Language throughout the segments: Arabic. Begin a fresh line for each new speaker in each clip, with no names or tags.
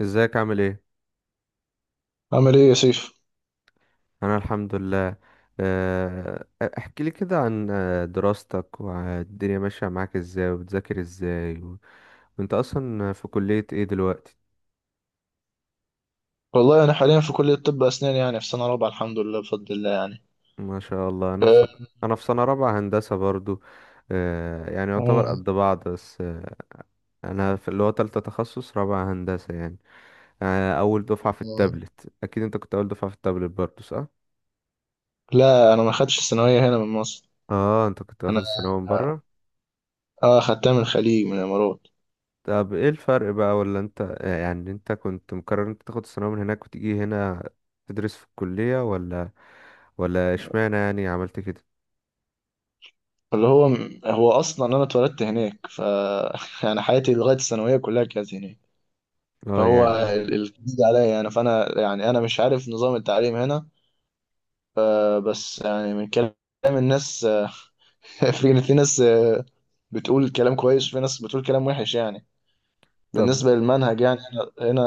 ازيك؟ عامل ايه؟
عامل ايه يا سيف؟
انا الحمد لله. آه، احكي لي كده عن دراستك والدنيا ماشية معاك ازاي وبتذاكر ازاي وانت اصلا في كلية ايه دلوقتي؟
والله انا حاليا في كلية طب اسنان يعني في سنة رابعة، الحمد لله بفضل الله يعني.
ما شاء الله. انا في
أه.
سنة انا في سنة رابعة هندسة برضو. يعني
مم.
يعتبر قد بعض بس. انا في اللي هو تالتة تخصص رابعة هندسة يعني. اول دفعة في
مم.
التابلت، اكيد انت كنت اول دفعة في التابلت برضو، صح؟
لا، انا ما خدتش الثانوية هنا من مصر،
اه، انت كنت واخد
انا
الثانوية من بره.
اه خدتها من الخليج، من الامارات.
طب ايه الفرق بقى؟ ولا انت يعني انت كنت مقرر انت تاخد الثانوية من هناك وتيجي هنا تدرس في الكلية ولا اشمعنى يعني عملت كده؟
اللي هو هو اصلا انا اتولدت هناك ف يعني حياتي لغاية الثانوية كلها كانت هناك،
اه
فهو
يعني.
الجديد عليا يعني، فانا يعني انا مش عارف نظام التعليم هنا. أه بس يعني من كلام الناس في ناس بتقول كلام كويس وفي ناس بتقول كلام وحش يعني.
طب.
بالنسبة للمنهج يعني هنا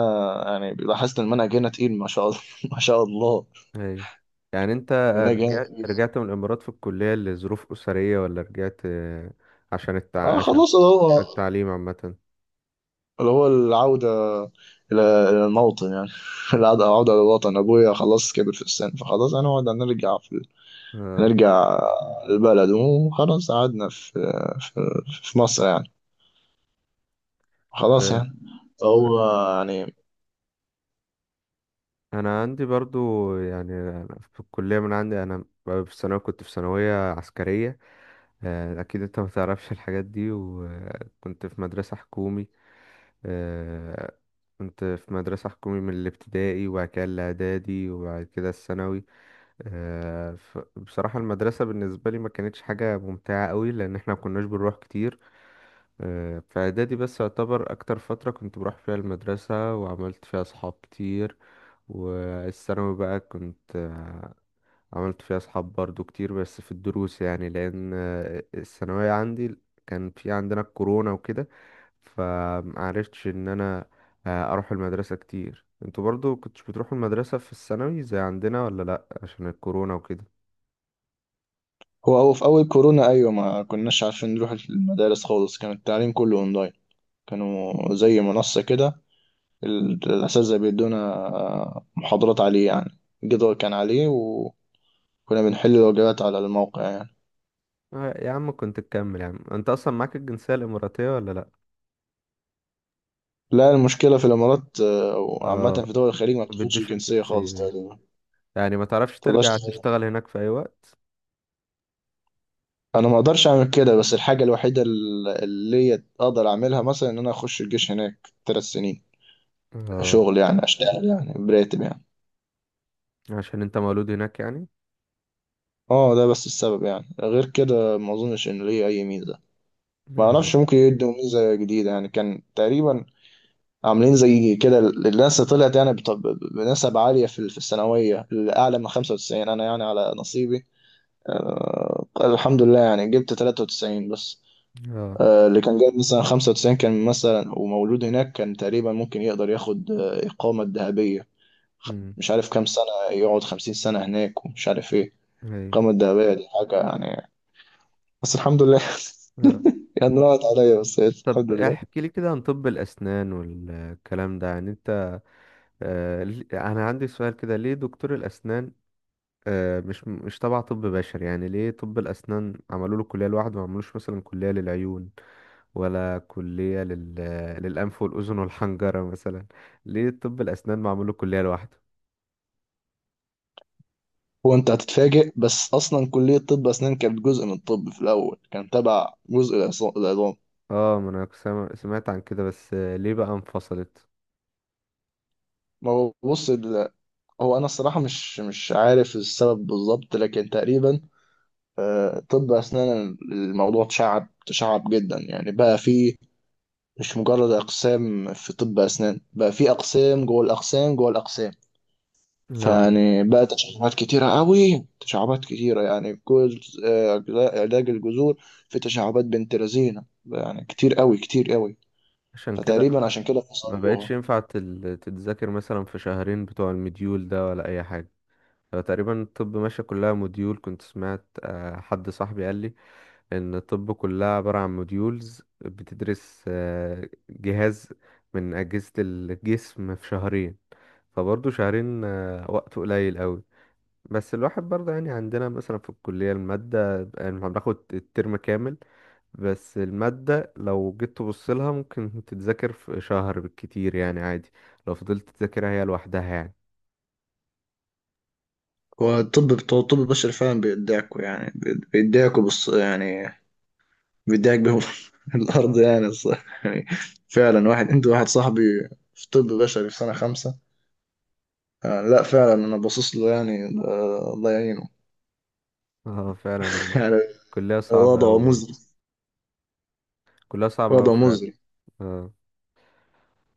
يعني لاحظت المنهج هنا تقيل ما شاء الله ما شاء الله.
ايوه. يعني انت
المنهج هنا
رجعت
تقيل.
رجعت من الامارات في الكلية لظروف اسرية، ولا رجعت عشان التع...
اه
عشان
خلاص، اللي هو
عشان التعليم عامة؟
اللي هو العودة إلى إلى الموطن يعني. العودة للوطن، أبويا خلاص كبر في السن، فخلاص هنقعد
اه.
هنرجع البلد وخلاص قعدنا في في, في مصر يعني، خلاص
آه،
يعني، هو يعني.
انا عندي برضو، يعني أنا في الكلية من عندي. انا في الثانوية كنت في ثانوية عسكرية. أكيد أنت ما تعرفش الحاجات دي، وكنت في مدرسة حكومي. آه، كنت في مدرسة حكومي من الابتدائي وبعد كده الإعدادي وبعد كده الثانوي. بصراحة المدرسة بالنسبة لي ما كانتش حاجة ممتعة قوي، لأن احنا ما كناش بنروح كتير. في إعدادي بس يعتبر أكتر فترة كنت بروح فيها المدرسة وعملت فيها أصحاب كتير. والثانوي بقى كنت عملت فيها أصحاب برضو كتير، بس في الدروس يعني، لأن الثانوية عندي كان في عندنا الكورونا وكده، فمعرفتش إن أنا أروح المدرسة كتير. انتوا برضو كنتش بتروحوا المدرسة في الثانوي زي عندنا ولا لأ عشان الكورونا وكده؟
هو في أول كورونا أيوة ما كناش عارفين نروح المدارس خالص، كان التعليم كله أونلاين، كانوا زي منصة كده، الأساتذة بيدونا محاضرات عليه يعني، الجدول كان عليه وكنا بنحل الواجبات على الموقع يعني.
يا عم كنت تكمل، يا عم انت أصلا معاك الجنسية الإماراتية ولا لأ؟
لا، المشكلة في الإمارات وعامة
اه،
في دول الخليج ما
ما
بتاخدش
بيدوش
الجنسية خالص
الجنسية.
تقريبا،
يعني ما تعرفش
تقدرش
ترجع
تاخدها.
تشتغل هناك في أي وقت؟
أنا ما أقدرش أعمل كده، بس الحاجة الوحيدة اللي أقدر أعملها مثلا إن أنا أخش الجيش هناك ثلاث سنين،
اه،
شغل يعني، أشتغل يعني براتب يعني.
عشان انت مولود هناك يعني.
اه، ده بس السبب يعني، غير كده ما أظنش إن ليه أي ميزة. ما
ايوه.
أعرفش، ممكن يدوا ميزة جديدة يعني، كان تقريبا عاملين زي كده، الناس طلعت يعني بنسب عالية في الثانوية الأعلى من 95، أنا يعني على نصيبي أه الحمد لله يعني جبت 93 بس.
اه.
أه، اللي كان جايب مثلا 95 كان مثلا ومولود هناك كان تقريبا ممكن يقدر ياخد إقامة ذهبية،
امم.
مش عارف كام سنة، يقعد 50 سنة هناك، ومش عارف إيه
ايوه.
الإقامة الذهبية دي حاجة يعني. بس الحمد لله يعني راحت عليا، بس
طب
الحمد لله.
احكي لي كده عن طب الأسنان والكلام ده. يعني انت انا عندي سؤال كده. ليه دكتور الأسنان مش تبع طب بشري؟ يعني ليه طب الأسنان عملوا له كلية لوحده؟ ما عملوش مثلا كلية للعيون ولا كلية للأنف والأذن والحنجرة مثلا؟ ليه طب الأسنان ما عملوا كلية لوحده؟
هو انت هتتفاجئ، بس اصلا كليه طب اسنان كانت جزء من الطب في الاول، كان تبع جزء العظام.
اه، ما انا كنت سمعت عن كده، بس ليه بقى انفصلت؟
ما هو بص هو انا الصراحه مش عارف السبب بالظبط لكن تقريبا طب اسنان الموضوع اتشعب تشعب جدا يعني، بقى في، مش مجرد اقسام في طب اسنان، بقى في اقسام جوه الاقسام جوه الاقسام،
اه،
فيعني بقى تشعبات كتيرة قوي، تشعبات كتيرة يعني، في جزء علاج الجذور، في تشعبات بنت لذينة يعني، كتير قوي كتير قوي،
عشان كده
فتقريبا عشان كده
ما بقتش
فصلوها.
ينفع تتذاكر مثلا في شهرين بتوع المديول ده ولا اي حاجة؟ هو تقريبا الطب ماشية كلها موديول. كنت سمعت حد صاحبي قال لي ان الطب كلها عبارة عن موديولز، بتدرس جهاز من أجهزة الجسم في شهرين. فبرضه شهرين وقت قليل قوي. بس الواحد برضه يعني عندنا مثلا في الكلية المادة، يعني احنا بناخد الترم كامل، بس المادة لو جيت تبص لها ممكن تتذاكر في شهر بالكتير، يعني عادي، لو فضلت تذاكرها هي لوحدها يعني.
هو الطب بتوع الطب البشري فعلا بيدعكوا يعني، بيدعكوا بص يعني، بيدعك بهم الأرض يعني الصراحة يعني، فعلا واحد، أنت واحد صاحبي في طب بشري في سنة خمسة، آه لا فعلا أنا باصص له يعني، آه الله يعينه
اه، فعلا هم
يعني،
كلها صعبة
وضعه
أوي برضه.
مزري،
كلها صعبة أوي
وضعه
فعلا.
مزري.
اه.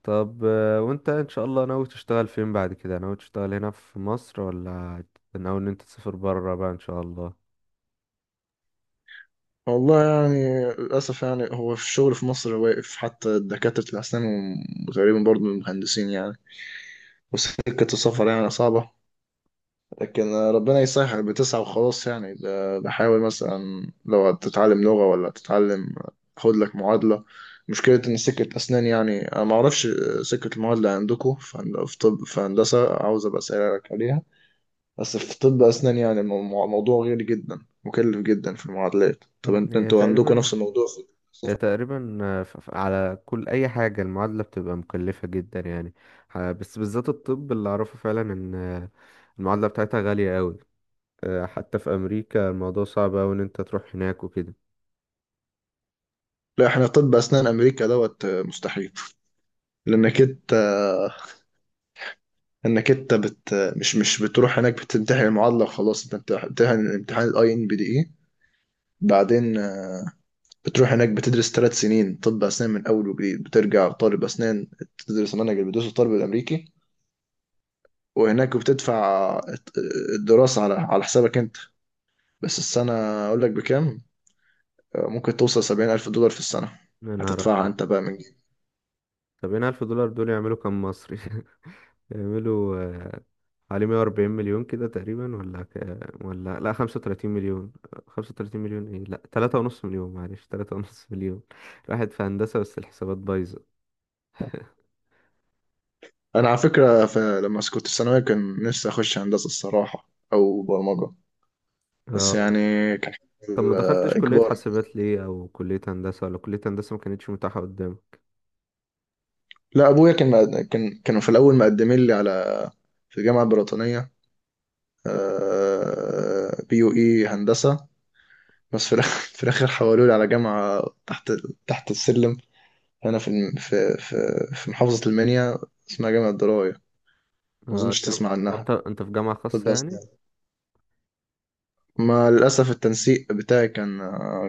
طب وانت ان شاء الله ناوي تشتغل فين بعد كده؟ ناوي تشتغل هنا في مصر، ولا ناوي ان انت تسافر برا بقى ان شاء الله؟
والله يعني للأسف يعني هو في الشغل في مصر واقف حتى دكاترة الأسنان، وتقريبا برضه المهندسين يعني، وسكة السفر يعني صعبة، لكن ربنا يسهل، بتسعى وخلاص يعني، بحاول مثلا لو تتعلم لغة ولا تتعلم، خد لك معادلة. مشكلة إن سكة أسنان يعني أنا معرفش سكة المعادلة عندكم في في طب، في هندسة عاوز أبقى أسألك عليها، بس في طب أسنان يعني موضوع غير جدا، مكلف جدا في المعادلات، طب
مم، هي
انتوا عندكم
تقريبا
نفس الموضوع في؟
هي تقريبا على كل اي حاجة المعادلة بتبقى مكلفة جدا يعني. بس بالذات الطب اللي اعرفه فعلا ان المعادلة بتاعتها غالية أوي. حتى في امريكا الموضوع صعب أوي ان انت تروح هناك وكده.
لا، احنا طب اسنان امريكا دوت مستحيل، لانك انت، انك انت بت مش بتروح هناك بتمتحن المعادله وخلاص، انت بتمتحن امتحان الاي ان بي دي اي، بعدين بتروح هناك بتدرس ثلاث سنين طب اسنان من اول وجديد، بترجع طالب اسنان تدرس المنهج اللي بيدرسه الطالب الامريكي، وهناك بتدفع الدراسه على حسابك انت، بس السنه اقول لك بكام ممكن توصل 70,000 دولار في السنه،
يا نهار
هتدفعها
أبيض!
انت بقى من.
طب هنا 1000 دولار دول يعملوا كام مصري؟ يعملوا حوالي 140 مليون كده تقريبا، ولا ولا لا 35 مليون. 35 مليون ايه، لا 3.5 مليون معلش، 3.5 مليون. راحت في هندسة بس الحسابات بايظة.
انا على فكره لما كنت في ثانويه كان نفسي اخش هندسه الصراحه او برمجه، بس
اه،
يعني كان
طب ما دخلتش كلية
الاجبار.
حاسبات ليه؟ او كلية هندسة؟ ولا كلية هندسة ما كانتش متاحة قدامك؟
لا، ابويا كان كانوا في الاول مقدمين لي على، في الجامعه البريطانيه بي يو اي هندسه، بس في الاخر في الاخر حولوا لي على جامعه تحت تحت السلم، هنا في في محافظه المنيا اسمها جامعه درايه، ما
اه،
اظنش تسمع
هو انت
عنها.
انت في جامعة
طب
خاصة
بس،
يعني؟
ما للأسف التنسيق بتاعي كان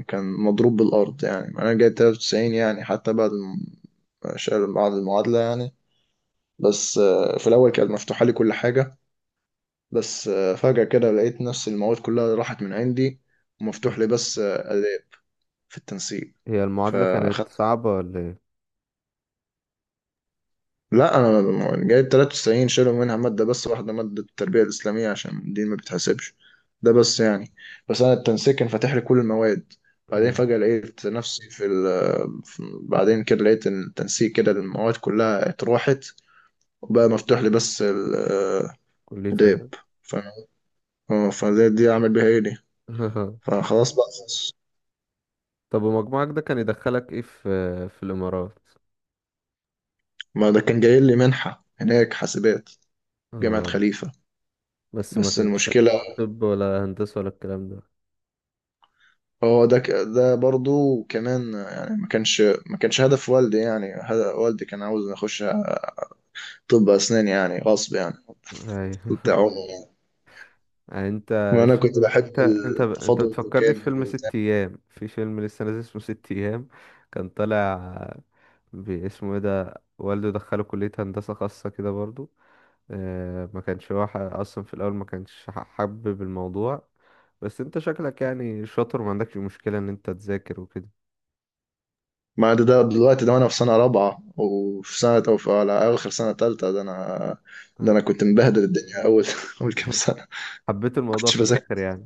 مضروب بالأرض يعني، أنا جايب 93 يعني حتى بعد بعد المعادلة يعني، بس في الأول كانت مفتوحة لي كل حاجة، بس فجأة كده لقيت نفس المواد كلها راحت من عندي،
مم.
ومفتوح لي بس آداب في التنسيق،
هي المعادلة كانت
فأخدت.
صعبة ولا ايه؟
لا، انا جايب 93، شالوا منها ماده بس واحده، ماده التربيه الاسلاميه، عشان دي ما بتحسبش، ده بس يعني. بس انا التنسيق كان فاتح لي كل المواد، بعدين
مم.
فجاه لقيت نفسي في, ال... في بعدين كده لقيت إن التنسيق كده المواد كلها اتروحت، وبقى مفتوح لي بس الاداب،
كلية آداب؟
ف... آه، فده دي اعمل بيها ايه دي، فخلاص بقى.
طب ومجموعك ده كان يدخلك ايه في في الامارات؟
ما ده كان جاي لي منحه هناك حاسبات، جامعه
اه،
خليفه.
بس ما
بس
كانش
المشكله
قدامك طب ولا هندسة ولا الكلام ده؟
هو ده ده برضو كمان يعني ما كانش هدف والدي، يعني هدف والدي كان عاوز اخش طب اسنان يعني، غصب يعني بتاع
ايوه.
عمره يعني،
يعني انت
ما انا
ش...
كنت بحب
انت انت ب... انت
التفاضل
بتفكرني في
التكامل
فيلم
وبتاع.
6 ايام. في فيلم لسه نازل اسمه 6 ايام، كان طالع باسمه ايه ده، والده دخله كلية هندسة خاصة كده برضو. ما كانش هو اصلا في الاول ما كانش حابب الموضوع. بس انت شكلك يعني شاطر وما عندكش مشكلة ان انت تذاكر وكده.
ما ده دلوقتي ده وانا في سنه رابعه، وفي سنه او في على اخر سنه ثالثه، ده
آه،
انا كنت مبهدل الدنيا اول اول كام سنه ما
حبيت الموضوع
كنتش
في
بذاكر.
الاخر يعني.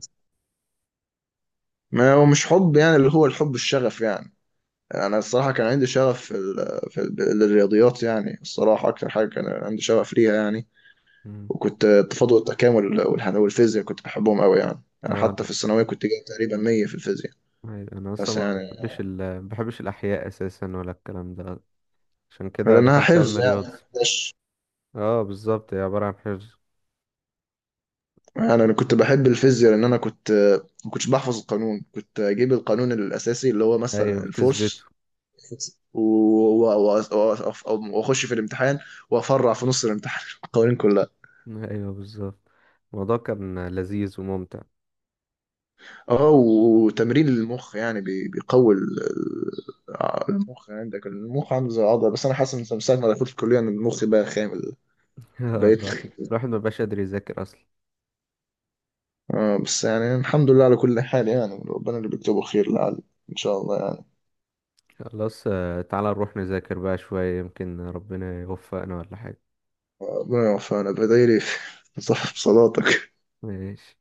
ما هو مش حب يعني، اللي هو الحب الشغف يعني. انا الصراحه كان عندي شغف الرياضيات يعني، الصراحه اكتر حاجه كان عندي شغف ليها يعني،
مم.
وكنت التفاضل والتكامل والفيزياء كنت بحبهم قوي يعني. يعني
آه،
حتى في الثانوية كنت جايب تقريبا 100 في الفيزياء
أيوة، انا اصلا
بس يعني،
ما بحبش الاحياء اساسا ولا الكلام ده. عشان كده
لأنها
دخلت علم
حفظ
الرياضة.
يعني، مش
اه، بالظبط هي عبارة عن حفظ.
يعني. أنا كنت بحب الفيزياء لأن أنا كنت ما كنتش بحفظ القانون، كنت أجيب القانون الأساسي اللي هو مثلا
ايوه، بتثبته.
الفورس، و- وأخش في الامتحان وأفرع في نص الامتحان القوانين كلها.
ايوه بالظبط. الموضوع كان لذيذ وممتع.
اه، وتمرين المخ يعني بيقوي المخ، يعني عندك المخ عندي زي العضله، بس انا حاسس ان من ساعه ما دخلت الكليه ان المخ بقى خامل، بقيت.
الواحد ما بقاش قادر يذاكر اصلا.
اه بس يعني الحمد لله على كل حال يعني، ربنا اللي بيكتبه خير، لعل ان شاء الله يعني.
خلاص، تعالى نروح نذاكر بقى شوية يمكن ربنا يوفقنا ولا حاجة.
ربنا يوفقنا، بدايلي في في صف صلاتك.
ماشي.